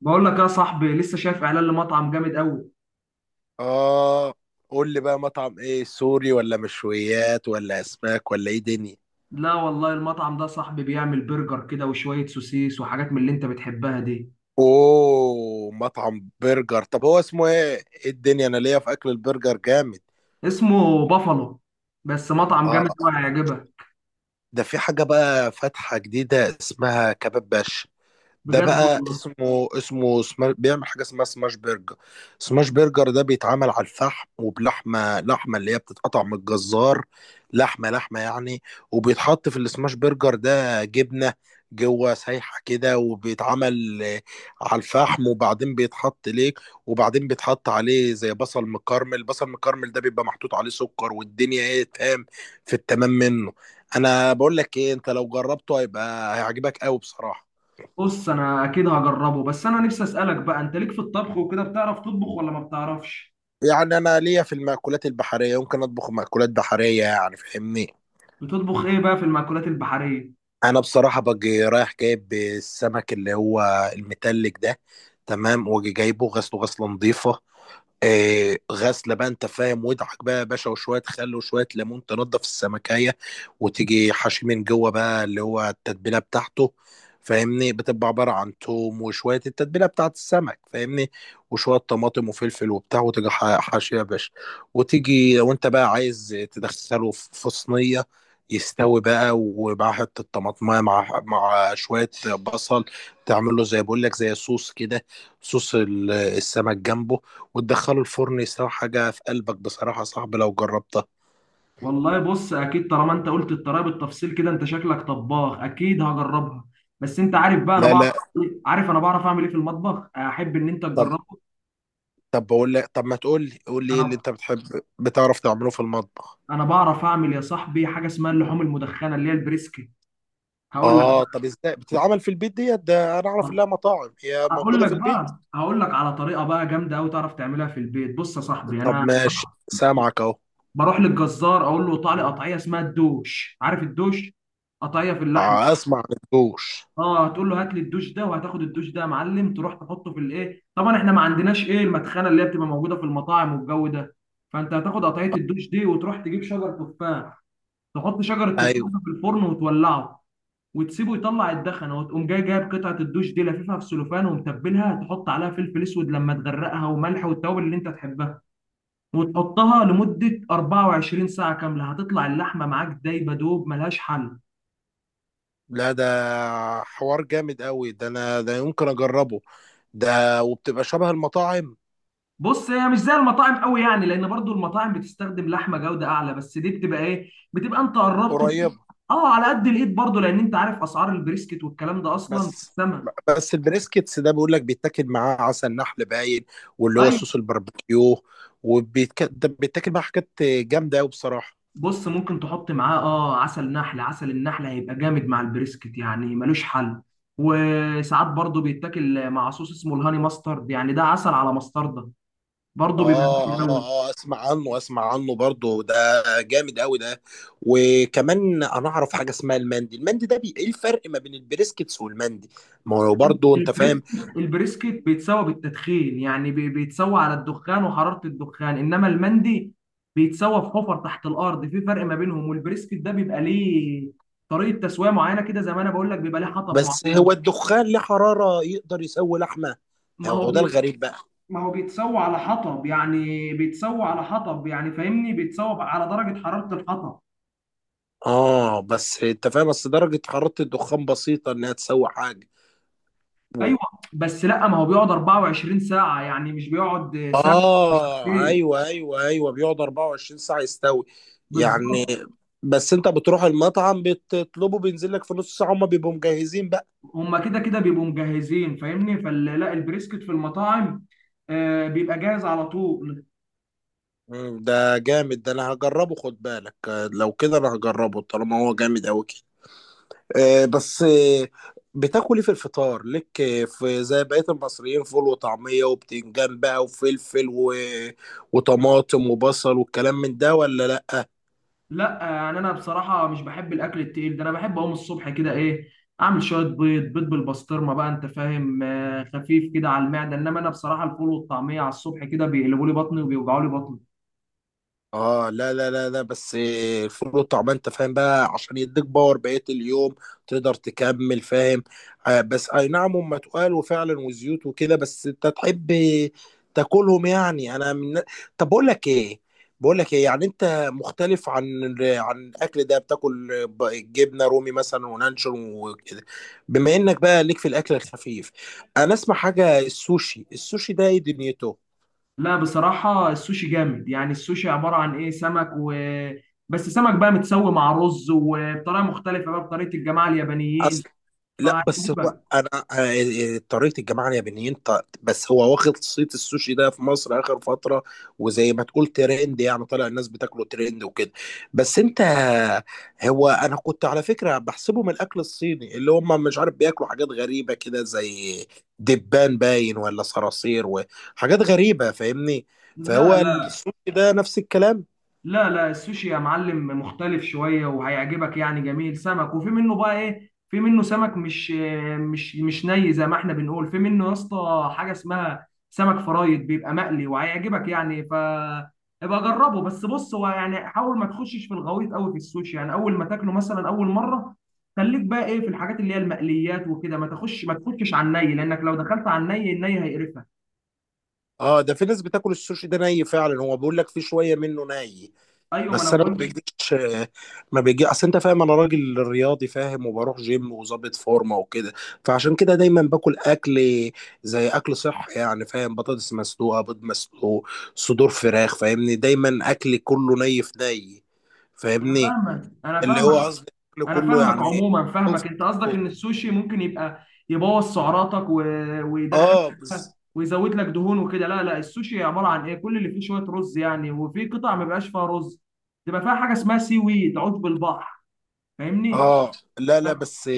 بقول لك يا صاحبي لسه شايف اعلان لمطعم جامد قوي. اه، قول لي بقى مطعم ايه؟ سوري ولا مشويات ولا اسماك ولا ايه دنيا؟ لا والله المطعم ده صاحبي بيعمل برجر كده وشوية سوسيس وحاجات من اللي انت بتحبها دي. اوه مطعم برجر. طب هو اسمه ايه؟ ايه الدنيا؟ انا ليا في اكل البرجر جامد. اسمه بافالو، بس مطعم جامد قوي اه، هيعجبك. ده في حاجة بقى فاتحة جديدة اسمها كباب باشا. ده بجد بقى والله؟ اسمه بيعمل حاجه اسمها سماش برجر. سماش برجر ده بيتعمل على الفحم، وبلحمه لحمه اللي هي بتتقطع من الجزار، لحمه لحمه يعني. وبيتحط في السماش برجر ده جبنه جوه سايحه كده، وبيتعمل على الفحم، وبعدين بيتحط ليك، وبعدين بيتحط عليه زي بصل مكرمل. بصل مكرمل ده بيبقى محطوط عليه سكر، والدنيا ايه، تمام في التمام منه. انا بقول لك ايه، انت لو جربته هيبقى هيعجبك قوي بصراحه. بص انا اكيد هجربه، بس انا نفسي اسالك بقى، انت ليك في الطبخ وكده؟ بتعرف تطبخ ولا ما بتعرفش؟ يعني انا ليا في المأكولات البحرية، يمكن اطبخ مأكولات بحرية يعني، فاهمني؟ بتطبخ ايه بقى في المأكولات البحرية؟ انا بصراحة باجي رايح جايب السمك اللي هو المتلج ده، تمام، واجي جايبه غسله، غسلة نظيفة. غسله بقى انت فاهم، ودعك بقى يا باشا وشويه خل وشويه ليمون تنضف السمكيه. وتيجي حشي من جوه بقى اللي هو التتبيله بتاعته، فاهمني؟ بتبقى عباره عن توم وشويه التتبيله بتاعت السمك، فاهمني؟ وشويه طماطم وفلفل وبتاع، وتيجي حاشيه يا باشا. وتيجي لو انت بقى عايز تدخله في صينيه يستوي بقى، ومع حته طماطمايه، مع شويه بصل، تعمل له زي بقول لك زي صوص كده، صوص السمك جنبه، وتدخله الفرن يستوي حاجة في قلبك بصراحة يا صاحبي لو جربتها. والله بص اكيد طالما انت قلت الطريقة بالتفصيل كده انت شكلك طباخ، اكيد هجربها. بس انت عارف بقى انا لا بعرف، لا. عارف انا بعرف اعمل ايه في المطبخ، احب ان انت طب. تجرب. طب بقول لك، طب ما تقول لي، قول لي ايه اللي انا انت بتحب بتعرف تعمله في المطبخ؟ انا بعرف اعمل يا صاحبي حاجه اسمها اللحوم المدخنه اللي هي البريسكي. هقول لك اه، بقى طب ازاي بتتعمل في البيت ديت؟ ده انا اعرف انها مطاعم، هي موجودة في البيت؟ هقول لك على طريقه بقى جامده قوي تعرف تعملها في البيت. بص يا صاحبي، طب انا ماشي، سامعك اهو. بروح للجزار اقول له قطع لي قطعيه اسمها الدوش، عارف الدوش؟ قطعيه في اللحمه. اسمع الجوش. اه، هتقول له هات لي الدوش ده، وهتاخد الدوش ده يا معلم تروح تحطه في الايه، طبعا احنا ما عندناش ايه المدخنه اللي هي بتبقى موجوده في المطاعم والجو ده. فانت هتاخد قطعيه الدوش دي وتروح تجيب شجر تفاح، تحط شجر التفاح ايوه. ده في الفرن وتولعه، وتسيبه يطلع الدخنه، وتقوم جاي جايب قطعه الدوش دي لففها في سلوفان ومتبلها، تحط عليها فلفل اسود لما تغرقها وملح والتوابل اللي انت تحبها، وتحطها لمده 24 ساعه كامله. هتطلع اللحمه معاك دايبه دوب، ملهاش حل. لا ده حوار جامد قوي ده، انا ده يمكن اجربه. ده وبتبقى شبه المطاعم؟ بص هي مش زي المطاعم قوي يعني، لان برضو المطاعم بتستخدم لحمه جوده اعلى، بس دي بتبقى ايه، بتبقى انت قربت قريبة. اه على قد الايد، برضو لان انت عارف اسعار البريسكت والكلام ده اصلا بس سما. بس البريسكتس ده بيقول لك بيتاكل معاه عسل نحل باين، واللي هو ايوه. صوص الباربيكيو، وبيتاكل معاه حاجات جامده قوي بصراحه. بص ممكن تحط معاه اه عسل نحل، عسل النحل هيبقى جامد مع البريسكت يعني ملوش حل. وساعات برضو بيتاكل مع صوص اسمه الهاني ماسترد، يعني ده عسل على مستردة، برضو بيبقى جامد اه اه قوي. اه، اسمع عنه، اسمع عنه برضه ده، جامد قوي ده. وكمان انا اعرف حاجه اسمها المندي. المندي ده ايه الفرق ما بين البريسكتس والمندي؟ ما هو برضه انت فاهم. البريسكت البريسكت بيتسوى بالتدخين، يعني بيتسوى على الدخان وحرارة الدخان، انما المندي بيتسوى في حفر تحت الارض. في فرق ما بينهم، والبريسكت ده بيبقى ليه طريقة تسوية معينة كده، زي ما انا بقول لك بيبقى ليه حطب بس معين. هو الدخان له حراره يقدر يسوي لحمه؟ ما هو هو ده الغريب بقى. ما هو بيتسوى على حطب، يعني بيتسوى على حطب يعني، فاهمني؟ بيتسوى على درجة حرارة الحطب. اه بس انت فاهم، بس درجه حراره الدخان بسيطه انها تسوي حاجه. ايوه، بس لا ما هو بيقعد 24 ساعة، يعني مش بيقعد ساعة. اه ايه؟ ايوه ايوه ايوه بيقعد 24 ساعه يستوي يعني. بالظبط. بس انت بتروح المطعم بتطلبه بينزل لك في نص ساعه، هما بيبقوا مجهزين بقى. هما كده كده بيبقوا مجهزين فاهمني، فلا البريسكت في المطاعم آه بيبقى جاهز على طول. ده جامد ده، انا هجربه. خد بالك، لو كده انا هجربه طالما هو جامد قوي كده. آه، بس آه، بتاكل ايه في الفطار لك؟ في زي بقية المصريين فول وطعمية وبتنجان بقى وفلفل، و... وطماطم وبصل والكلام من ده ولا لا؟ لا يعني انا بصراحه مش بحب الاكل التقيل ده، انا بحب اقوم الصبح كده ايه، اعمل شويه بيض بالبسطرمه، بقى انت فاهم آه، خفيف كده على المعده. انما انا بصراحه الفول والطعميه على الصبح كده بيقلبوا لي بطني وبيوجعوا لي بطني. اه، لا لا لا لا، بس الفول والطعمية انت فاهم بقى عشان يديك باور بقية اليوم، تقدر تكمل فاهم. آه بس اي نعم، هم تقال وفعلا وزيوت وكده، بس انت تحب تاكلهم يعني. انا من... طب بقول لك ايه، يعني انت مختلف عن الاكل ده. بتاكل جبنة رومي مثلا ونانشون وكده؟ بما انك بقى ليك في الاكل الخفيف، انا اسمع حاجة السوشي، السوشي ده ايه دنيته؟ لا بصراحه السوشي جامد يعني، السوشي عباره عن ايه، سمك و بس، سمك بقى متسوي مع رز وبطريقه مختلفه بقى، بطريقه الجماعه اليابانيين، لا بس هو فعجيبه. انا طريقه الجماعه اليابانيين، بس هو واخد صيت السوشي ده في مصر اخر فتره، وزي ما تقول ترند يعني، طالع الناس بتاكله ترند وكده. بس انت، هو انا كنت على فكره بحسبه من الاكل الصيني، اللي هم مش عارف بياكلوا حاجات غريبه كده زي دبان باين ولا صراصير وحاجات غريبه، فاهمني؟ لا فهو لا السوشي ده نفس الكلام. لا لا، السوشي يا معلم مختلف شوية وهيعجبك يعني جميل. سمك، وفي منه بقى ايه، في منه سمك مش ني زي ما احنا بنقول، في منه يا اسطى حاجة اسمها سمك فرايد بيبقى مقلي وهيعجبك يعني. ف ابقى جربه، بس بص هو يعني حاول ما تخشش في الغويط قوي في السوشي يعني، اول ما تاكله مثلا اول مرة خليك بقى ايه في الحاجات اللي هي المقليات وكده، ما تخشش على الني، لانك لو دخلت على الني الني هيقرفك. اه ده في ناس بتاكل السوشي ده ني فعلا، هو بيقول لك في شويه منه ني. ايوه ما انا بس انا ما بقول. بيجيش، ما بيجي اصل انت فاهم، انا راجل رياضي فاهم، وبروح جيم وظابط فورمه وكده. فعشان كده دايما باكل اكل، زي اكل صحي يعني فاهم، بطاطس مسلوقه، بيض مسلوق، صدور فراخ، فاهمني؟ دايما اكل كله ني في ني، انا فاهمني؟ فاهمك انا اللي هو فاهمك قصدي اكل انا كله فاهمك يعني عموما مسلوق في فاهمك، انت قصدك ان مسلوق. السوشي ممكن يبقى يبوظ سعراتك و... ويدخلك اه بقى ويزود لك دهون وكده. لا لا السوشي عباره عن ايه، كل اللي فيه شويه رز يعني، وفي قطع ما بيبقاش فيها رز، تبقى فيها حاجه اسمها سي ويد، عشب البحر، فاهمني؟ اه لا لا بس،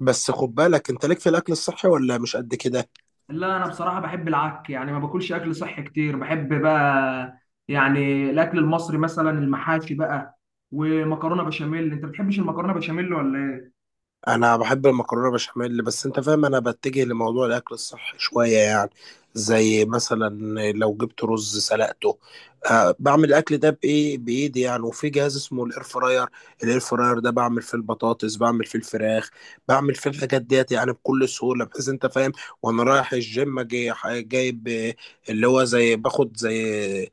بس خد بالك انت ليك في الاكل الصحي ولا مش قد كده؟ لا انا بصراحه بحب العك يعني، ما باكلش اكل صحي كتير، بحب بقى يعني الاكل المصري مثلا، المحاشي بقى، ومكرونه بشاميل. انت بتحبش المكرونه بشاميل ولا؟ انا بحب المكرونه بشاميل، بس انت فاهم انا بتجه لموضوع الاكل الصحي شويه يعني. زي مثلا لو جبت رز سلقته، أه بعمل الاكل ده بايه؟ بايدي يعني، وفي جهاز اسمه الاير فراير. الاير فراير ده بعمل فيه البطاطس، بعمل فيه الفراخ، بعمل فيه الحاجات ديت يعني بكل سهوله، بحيث انت فاهم. وانا رايح الجيم جاي جايب اللي هو زي باخد، زي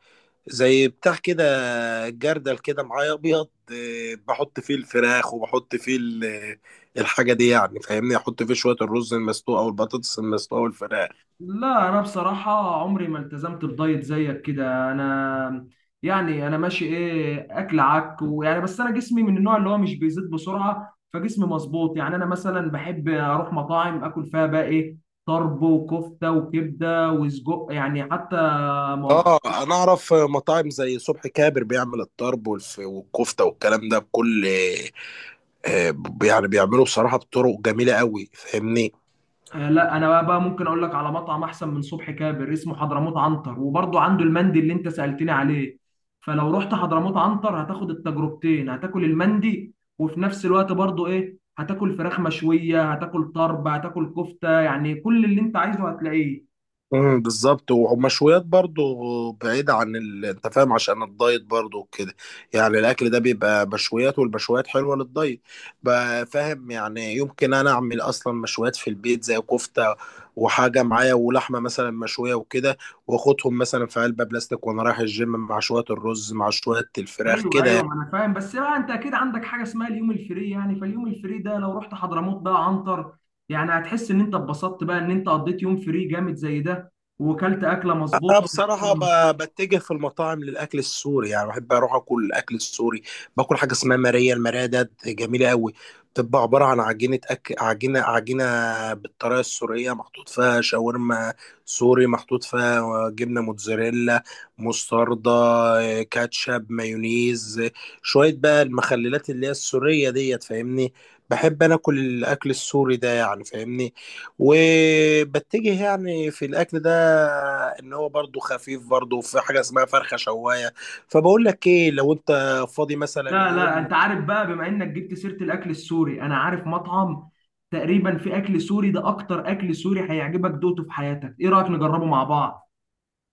بتاع كده، جردل كده معايا ابيض، بحط فيه الفراخ وبحط فيه الحاجه دي، يعني فاهمني، احط فيه شويه الرز المسلوق او البطاطس المسلوقه والفراخ. لا انا بصراحه عمري ما التزمت بدايت زيك كده، انا يعني انا ماشي ايه اكل عك ويعني، بس انا جسمي من النوع اللي هو مش بيزيد بسرعه، فجسمي مظبوط يعني. انا مثلا بحب اروح مطاعم اكل فيها بقى ايه، طرب وكفته وكبده وسجق يعني حتى. اه انا اعرف مطاعم زي صبحي كابر بيعمل الطرب والكفته والكلام ده بكل آه، يعني بيعملوا بصراحه بطرق جميله قوي، فاهمني؟ آه، لا انا بقى، ممكن اقول لك على مطعم احسن من صبحي كابر، اسمه حضرموت عنتر، وبرضه عنده المندي اللي انت سألتني عليه. فلو رحت حضرموت عنتر هتاخد التجربتين، هتاكل المندي، وفي نفس الوقت برضه ايه هتاكل فراخ مشوية، هتاكل طرب، هتاكل كفتة، يعني كل اللي انت عايزه هتلاقيه. بالظبط، ومشويات برضو بعيدة عن انت فاهم، عشان الدايت برضو وكده. يعني الاكل ده بيبقى مشويات، والمشويات حلوة للدايت بقى فاهم. يعني يمكن انا اعمل اصلا مشويات في البيت زي كفتة وحاجة معايا، ولحمة مثلا مشوية وكده، واخدهم مثلا في علبة بلاستيك، وانا رايح الجيم مع شوية الرز مع شوية الفراخ ايوه كده. ايوه ما انا فاهم. بس بقى انت اكيد عندك حاجه اسمها اليوم الفري يعني، فاليوم الفري ده لو رحت حضرموت بقى عنتر يعني هتحس ان انت اتبسطت بقى، ان انت قضيت يوم فري جامد زي ده وكلت اكله انا مظبوطه. بصراحه بتجه في المطاعم للاكل السوري يعني، بحب اروح اكل الاكل السوري، باكل حاجه اسمها ماريه. الماريه ده جميله قوي، بتبقى عباره عن عجينه عجينه بالطريقه السوريه، محطوط فيها شاورما سوري، محطوط فيها جبنه موتزاريلا، مستردة، كاتشب، مايونيز، شويه بقى المخللات اللي هي السوريه ديت فاهمني. بحب انا اكل الاكل السوري ده يعني فاهمني، وبتجه يعني في الاكل ده، ان هو برضو خفيف، برضو في حاجه اسمها فرخه شوايه. فبقول لك ايه، لو انت فاضي مثلا لا لا يوم، انت عارف بقى، بما انك جبت سيرة الاكل السوري، انا عارف مطعم تقريبا في اكل سوري ده، اكتر اكل سوري هيعجبك دوقته في حياتك. ايه رأيك نجربه مع بعض؟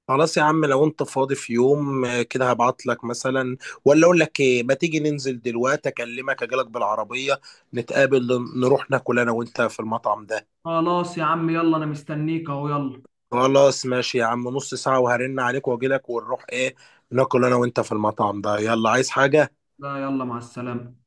خلاص يا عم، لو انت فاضي في يوم كده هبعت لك مثلا، ولا اقول لك ايه؟ ما تيجي ننزل دلوقتي؟ اكلمك اجيلك بالعربيه، نتقابل، نروح ناكل انا وانت في المطعم ده. خلاص يا عم، يلا انا مستنيك اهو، يلا. خلاص ماشي يا عم، نص ساعه وهرن عليك واجيلك، ونروح ايه، ناكل انا وانت في المطعم ده. يلا، عايز حاجه؟ لا، يلا مع السلامة.